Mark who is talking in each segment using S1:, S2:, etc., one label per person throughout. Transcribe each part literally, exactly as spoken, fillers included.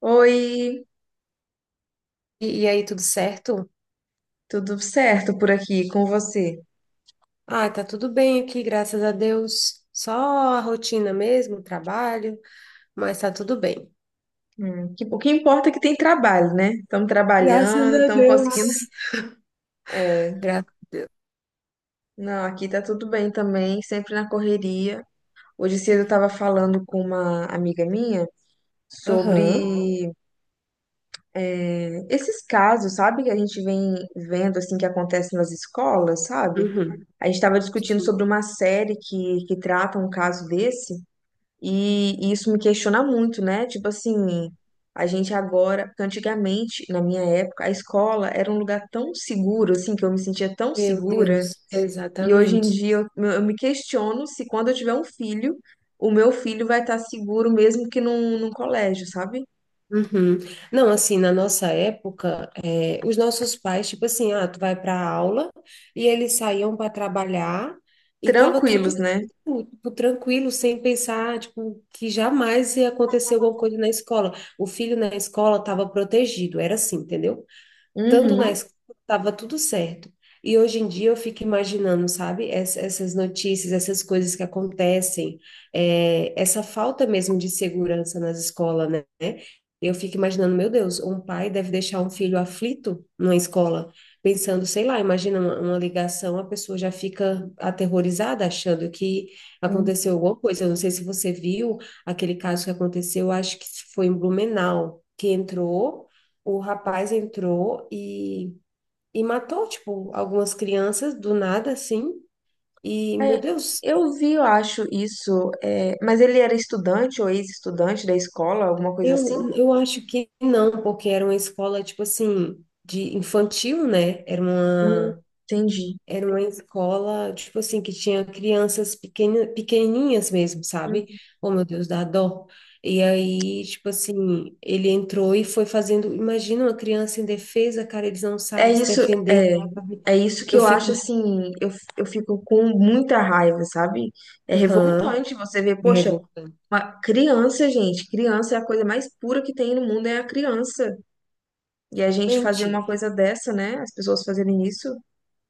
S1: Oi,
S2: E, e aí, tudo certo?
S1: tudo certo por aqui com você?
S2: Ah, tá tudo bem aqui, graças a Deus. Só a rotina mesmo, o trabalho, mas tá tudo bem.
S1: Hum, que, o que importa é que tem trabalho, né? Estamos
S2: Graças
S1: trabalhando,
S2: a
S1: estamos conseguindo.
S2: Deus.
S1: É,
S2: Gra...
S1: não, aqui tá tudo bem também, sempre na correria. Hoje cedo eu estava falando com uma amiga minha
S2: Aham.
S1: sobre é, esses casos, sabe? Que a gente vem vendo, assim, que acontece nas escolas, sabe?
S2: Uhum.
S1: A gente estava discutindo
S2: Sim.
S1: sobre uma série que, que trata um caso desse. E, e isso me questiona muito, né? Tipo assim, a gente agora, porque antigamente, na minha época, a escola era um lugar tão seguro, assim, que eu me sentia tão
S2: Meu
S1: segura.
S2: Deus,
S1: E hoje em
S2: exatamente.
S1: dia eu, eu me questiono se quando eu tiver um filho, o meu filho vai estar seguro mesmo que num, num colégio, sabe?
S2: Uhum. Não, assim, na nossa época, eh, os nossos pais, tipo assim, ah, tu vai para aula e eles saíam para trabalhar e tava
S1: Tranquilos,
S2: tudo
S1: né?
S2: tipo, tranquilo, sem pensar, tipo, que jamais ia acontecer alguma coisa na escola. O filho na escola estava protegido, era assim, entendeu? Tanto na
S1: Uhum.
S2: escola, estava tudo certo. E hoje em dia eu fico imaginando, sabe, ess- essas notícias, essas coisas que acontecem, é, essa falta mesmo de segurança nas escolas, né? Eu fico imaginando, meu Deus, um pai deve deixar um filho aflito numa escola, pensando, sei lá, imagina uma, uma ligação, a pessoa já fica aterrorizada, achando que aconteceu alguma coisa. Eu não sei se você viu aquele caso que aconteceu, acho que foi em Blumenau, que entrou o rapaz entrou e, e matou, tipo, algumas crianças do nada, assim. E, meu
S1: É,
S2: Deus,
S1: eu vi, eu acho isso. É, mas ele era estudante ou ex-estudante da escola, alguma coisa assim?
S2: eu, eu acho que não, porque era uma escola, tipo assim, de infantil, né? Era
S1: Hum,
S2: uma,
S1: Entendi.
S2: era uma escola, tipo assim, que tinha crianças pequena, pequenininhas mesmo, sabe? Oh, meu Deus, dá dó. E aí, tipo assim, ele entrou e foi fazendo. Imagina uma criança indefesa, cara, eles não
S1: É
S2: sabem se
S1: isso,
S2: defender,
S1: é,
S2: sabe?
S1: é isso que
S2: Eu
S1: eu
S2: fico,
S1: acho
S2: assim,
S1: assim, eu, eu fico com muita raiva, sabe? É
S2: aham.
S1: revoltante você ver, poxa,
S2: Revoltante.
S1: uma criança, gente, criança é a coisa mais pura que tem no mundo, é a criança. E a gente fazer uma coisa dessa, né? As pessoas fazerem isso.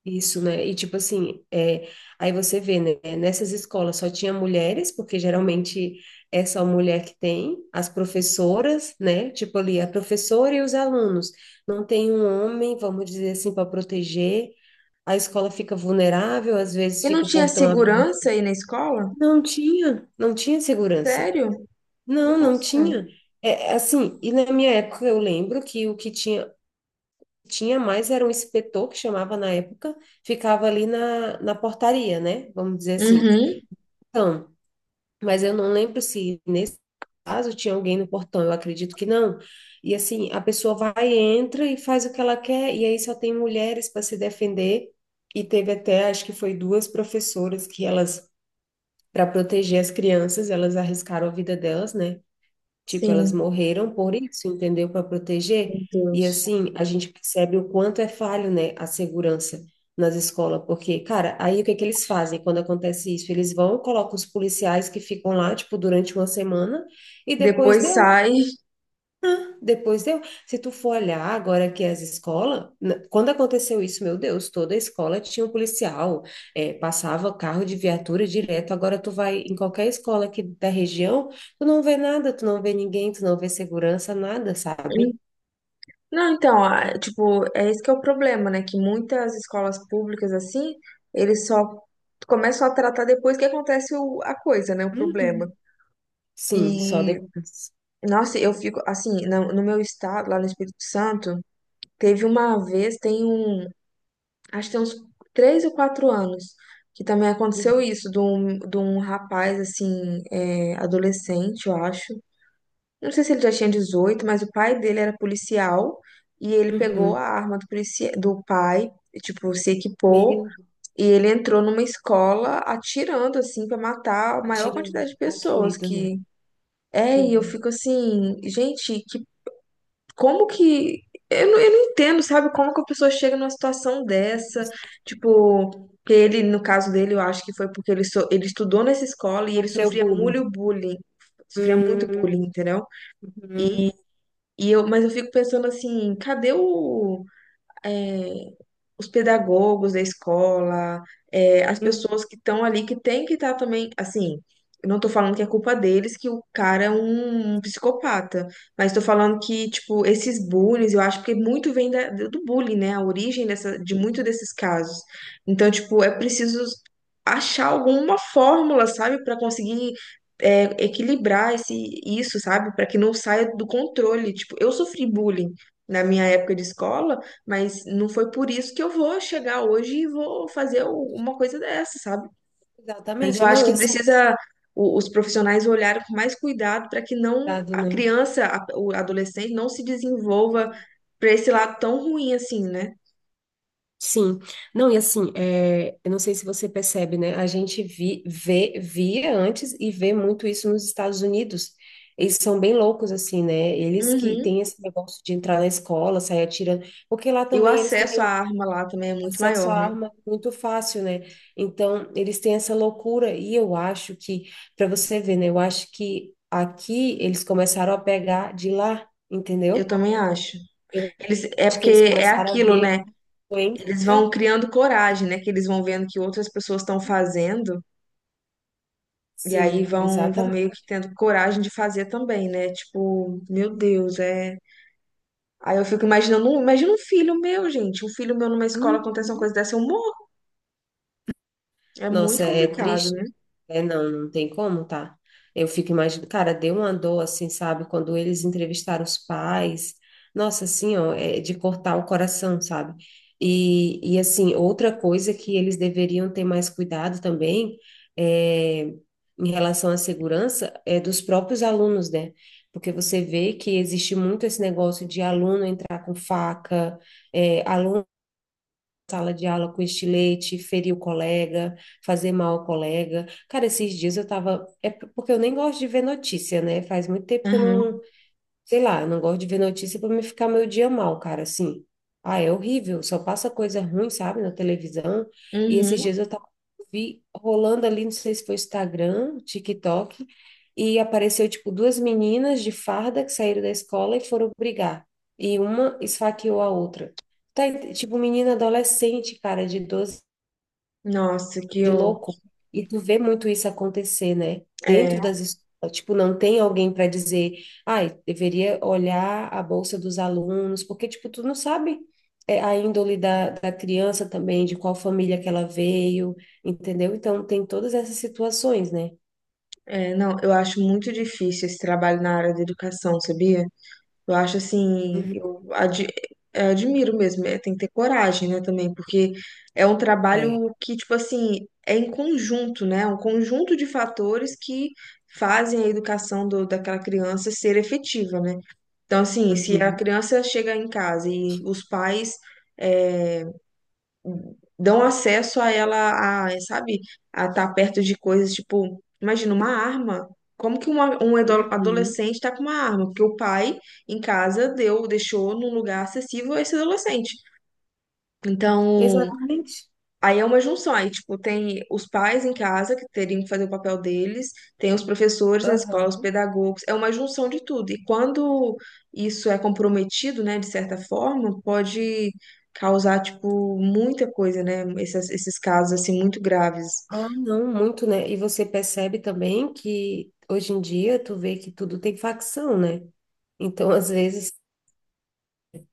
S2: Isso, né? E tipo assim, é, aí você vê, né? Nessas escolas só tinha mulheres, porque geralmente é só mulher que tem, as professoras, né? Tipo ali, a professora e os alunos. Não tem um homem, vamos dizer assim, para proteger. A escola fica vulnerável, às vezes
S1: E não
S2: fica o
S1: tinha
S2: portão aberto.
S1: segurança aí na escola?
S2: Não tinha, não tinha segurança.
S1: Sério?
S2: Não, não
S1: Nossa.
S2: tinha. É, assim, e na minha época eu lembro que o que tinha tinha mais era um inspetor que chamava na época, ficava ali na, na portaria, né? Vamos dizer assim.
S1: Uhum,
S2: Então, mas eu não lembro se nesse caso tinha alguém no portão, eu acredito que não. E assim, a pessoa vai, entra e faz o que ela quer, e aí só tem mulheres para se defender. E teve até, acho que foi duas professoras que elas, para proteger as crianças, elas arriscaram a vida delas, né? Tipo, elas
S1: sim,
S2: morreram por isso, entendeu? Para
S1: meu
S2: proteger. E
S1: Deus.
S2: assim, a gente percebe o quanto é falho, né, a segurança nas escolas, porque, cara, aí o que é que eles fazem quando acontece isso? Eles vão, colocam os policiais que ficam lá, tipo, durante uma semana e depois
S1: Depois
S2: deu.
S1: sai.
S2: Depois deu. Se tu for olhar agora que as escolas, na- quando aconteceu isso, meu Deus, toda a escola tinha um policial, eh, passava carro de viatura direto. Agora tu vai em qualquer escola aqui da região, tu não vê nada, tu não vê ninguém, tu não vê segurança, nada, sabe?
S1: Não, então, ah, tipo, é esse que é o problema, né? Que muitas escolas públicas, assim, eles só começam a tratar depois que acontece o- a coisa, né? O problema.
S2: Uhum. Sim, só
S1: E,
S2: depois.
S1: nossa, eu fico, assim, no, no meu estado, lá no Espírito Santo, teve uma vez, tem um, acho que tem uns três ou quatro anos, que também aconteceu
S2: Uhum.
S1: isso, de um, de um rapaz, assim, é, adolescente, eu acho. Eu não sei se ele já tinha dezoito, mas o pai dele era policial e ele pegou a
S2: Uhum.
S1: arma do, policia do pai, e, tipo, se equipou
S2: Meio
S1: e ele entrou numa escola atirando, assim, pra matar a maior
S2: atirando.
S1: quantidade de
S2: Ai, que
S1: pessoas
S2: medo, né?
S1: que... É, e eu
S2: Uhum.
S1: fico assim, gente, que, como que... Eu não, eu não entendo, sabe, como que a pessoa chega numa situação dessa,
S2: Nossa,
S1: tipo... Que ele, no caso dele, eu acho que foi porque ele, so- ele estudou nessa escola e ele
S2: Sofreu
S1: sofria
S2: bullying.
S1: muito bullying, sofria muito
S2: Hum,
S1: bullying, entendeu?
S2: uhum.
S1: E eu, mas eu fico pensando assim, cadê o, é, os pedagogos da escola, é, as
S2: Uhum.
S1: pessoas que estão ali, que tem que estar também, assim, eu não tô falando que é culpa deles, que o cara é um, um psicopata, mas tô falando que, tipo, esses bullies, eu acho que muito vem da- do bullying, né, a origem dessa, de muito desses casos. Então, tipo, é preciso achar alguma fórmula, sabe, para conseguir é, equilibrar esse, isso, sabe, para que não saia do controle. Tipo, eu sofri bullying na minha época de escola, mas não foi por isso que eu vou chegar hoje e vou fazer u- uma coisa dessa, sabe? Mas
S2: Exatamente.
S1: eu acho
S2: Não,
S1: que
S2: esse
S1: precisa o- os profissionais olharem com mais cuidado para que não
S2: cuidado,
S1: a
S2: né?
S1: criança, a- o adolescente, não se desenvolva para esse lado tão ruim assim, né?
S2: Sim, não, e assim, é, eu não sei se você percebe, né? A gente vi, vê, via antes e vê muito isso nos Estados Unidos. Eles são bem loucos, assim, né? Eles que
S1: Uhum.
S2: têm esse negócio de entrar na escola, sair atirando, porque lá
S1: E o
S2: também eles têm
S1: acesso à
S2: um
S1: arma lá também é muito
S2: acesso à
S1: maior, né?
S2: arma muito fácil, né? Então, eles têm essa loucura, e eu acho que, para você ver, né? Eu acho que aqui eles começaram a pegar de lá,
S1: Eu
S2: entendeu?
S1: também acho.
S2: Eu
S1: Eles, é
S2: acho que
S1: porque
S2: eles
S1: é
S2: começaram a
S1: aquilo,
S2: ver
S1: né?
S2: a doença.
S1: Eles vão criando coragem, né? Que eles vão vendo que outras pessoas estão fazendo. E aí
S2: Sim,
S1: vão, vão
S2: exatamente.
S1: meio que tendo coragem de fazer também, né? Tipo, meu Deus, é. Aí eu fico imaginando, um- imagina um filho meu, gente. Um filho meu numa escola acontece uma
S2: Uhum.
S1: coisa dessa, eu morro. É muito
S2: Nossa, é
S1: complicado,
S2: triste.
S1: né?
S2: É, não, não tem como, tá? Eu fico imaginando, cara, deu uma dor, assim, sabe? Quando eles entrevistaram os pais, nossa, assim, ó, é de cortar o coração, sabe? E, e assim, outra coisa que eles deveriam ter mais cuidado também é, em relação à segurança é dos próprios alunos, né? Porque você vê que existe muito esse negócio de aluno entrar com faca, é, aluno sala de aula com estilete, ferir o colega, fazer mal ao colega. Cara, esses dias eu tava. É porque eu nem gosto de ver notícia, né? Faz muito tempo que eu
S1: Aham.
S2: não, Sei lá, eu não gosto de ver notícia para me ficar meu dia mal, cara, assim. Ah, é horrível, só passa coisa ruim, sabe, na televisão. E esses
S1: Uhum.
S2: dias eu tava vi rolando ali, não sei se foi Instagram, TikTok, e apareceu tipo duas meninas de farda que saíram da escola e foram brigar. E uma esfaqueou a outra. Tá, ent- tipo menina adolescente, cara, de doze
S1: Nossa, que
S2: de
S1: eu.
S2: louco. E tu vê muito isso acontecer, né? Dentro
S1: É,
S2: das escolas, tipo, não tem alguém para dizer, ai, deveria olhar a bolsa dos alunos, porque, tipo, tu não sabe é, a índole da, da criança também, de qual família que ela veio, entendeu? Então, tem todas essas situações, né?
S1: é, não, eu acho muito difícil esse trabalho na área da educação, sabia? Eu acho assim,
S2: Uhum.
S1: eu ad- eh, admiro mesmo, eh, tem que ter coragem, né, também, porque é um
S2: É.
S1: trabalho que, tipo assim, é em conjunto, né? Um conjunto de fatores que fazem a educação do- daquela criança ser efetiva, né? Então, assim, se a
S2: Uhum.
S1: criança chega em casa e os pais. É, dão acesso a ela, a, sabe, a estar perto de coisas tipo, imagina uma arma. Como que uma- um ado-
S2: Uhum.
S1: adolescente está com uma arma? Porque o pai em casa deu, deixou num lugar acessível a esse adolescente. Então,
S2: Exatamente.
S1: aí é uma junção, aí, tipo, tem os pais em casa que teriam que fazer o papel deles, tem os professores na escola, os
S2: Aham.
S1: pedagogos, é uma junção de tudo. E quando isso é comprometido, né, de certa forma, pode causar, tipo, muita coisa, né, esses, esses casos, assim, muito graves.
S2: Ah, não, muito, né? E você percebe também que hoje em dia tu vê que tudo tem facção, né? Então, às vezes,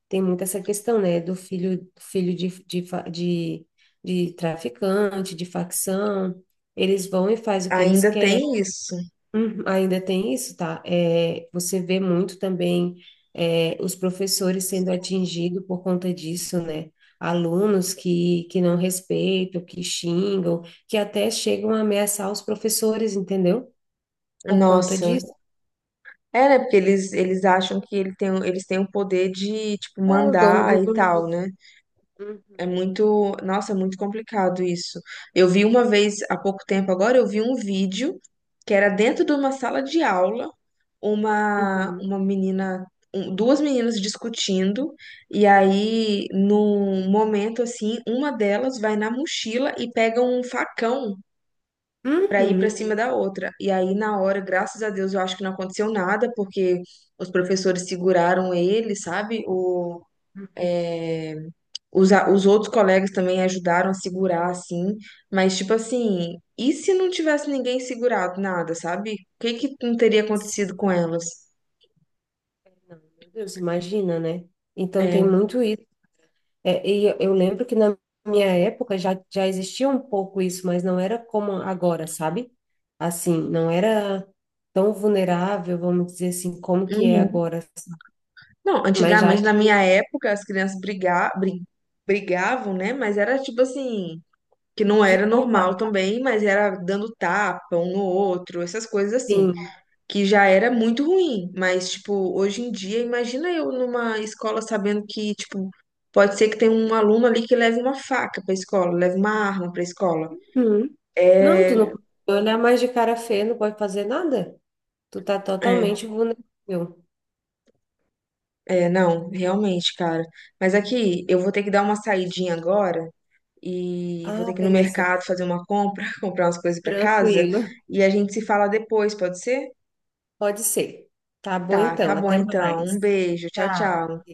S2: tem muito essa questão, né, do filho, filho de, de, fa- de, de traficante, de facção, eles vão e fazem o que eles
S1: Ainda
S2: querem.
S1: tem isso.
S2: Uhum, ainda tem isso, tá? É, você vê muito também é, os professores sendo atingidos por conta disso, né? Alunos que, que não respeitam, que xingam, que até chegam a ameaçar os professores, entendeu? Por conta
S1: Nossa.
S2: disso.
S1: É, né, porque eles, eles acham que ele tem, eles têm o poder de, tipo,
S2: É o dono do
S1: mandar e
S2: mundo.
S1: tal, né? É
S2: Uhum,
S1: muito, nossa, é muito complicado isso. Eu vi uma vez, há pouco tempo agora, eu vi um vídeo que era dentro de uma sala de aula, uma,
S2: uhum,
S1: uma menina, um- duas meninas discutindo, e aí, num momento assim, uma delas vai na mochila e pega um facão pra ir pra
S2: uhum,
S1: cima da outra. E aí, na hora, graças a Deus, eu acho que não aconteceu nada, porque os professores seguraram ele, sabe?
S2: uhum.
S1: Os, a- os outros colegas também ajudaram a segurar, assim, mas tipo assim, e se não tivesse ninguém segurado nada, sabe? O que que não teria acontecido com elas?
S2: Não, meu Deus, imagina, né? Então
S1: É,
S2: tem muito isso. É, e eu eu lembro que na minha época já, já existia um pouco isso, mas não era como agora, sabe? Assim, não era tão vulnerável, vamos dizer assim, como que é
S1: uhum.
S2: agora.
S1: Não,
S2: Mas já
S1: antigamente,
S2: de,
S1: na minha época, as crianças briga, bri- brigavam, né? Mas era tipo assim, que não
S2: de
S1: era
S2: porra,
S1: normal também, mas era dando tapa um no outro, essas coisas assim.
S2: sim.
S1: Que já era muito ruim, mas tipo, hoje em dia, imagina eu numa escola sabendo que, tipo, pode ser que tenha um aluno ali que leve uma faca pra escola, leve uma arma pra escola.
S2: Uhum. Não, tu não
S1: É,
S2: pode olhar mais de cara feia, não pode fazer nada. Tu tá
S1: é,
S2: totalmente vulnerável.
S1: é, não, realmente, cara. Mas aqui, eu vou ter que dar uma saidinha agora e vou
S2: Ah,
S1: ter que ir no
S2: beleza.
S1: mercado fazer uma compra, comprar umas coisas pra casa
S2: Tranquilo.
S1: e a gente se fala depois, pode ser?
S2: Pode ser. Tá bom
S1: Tá, tá
S2: então,
S1: bom
S2: até
S1: então. Um
S2: mais.
S1: beijo, tchau,
S2: Tchau.
S1: tchau.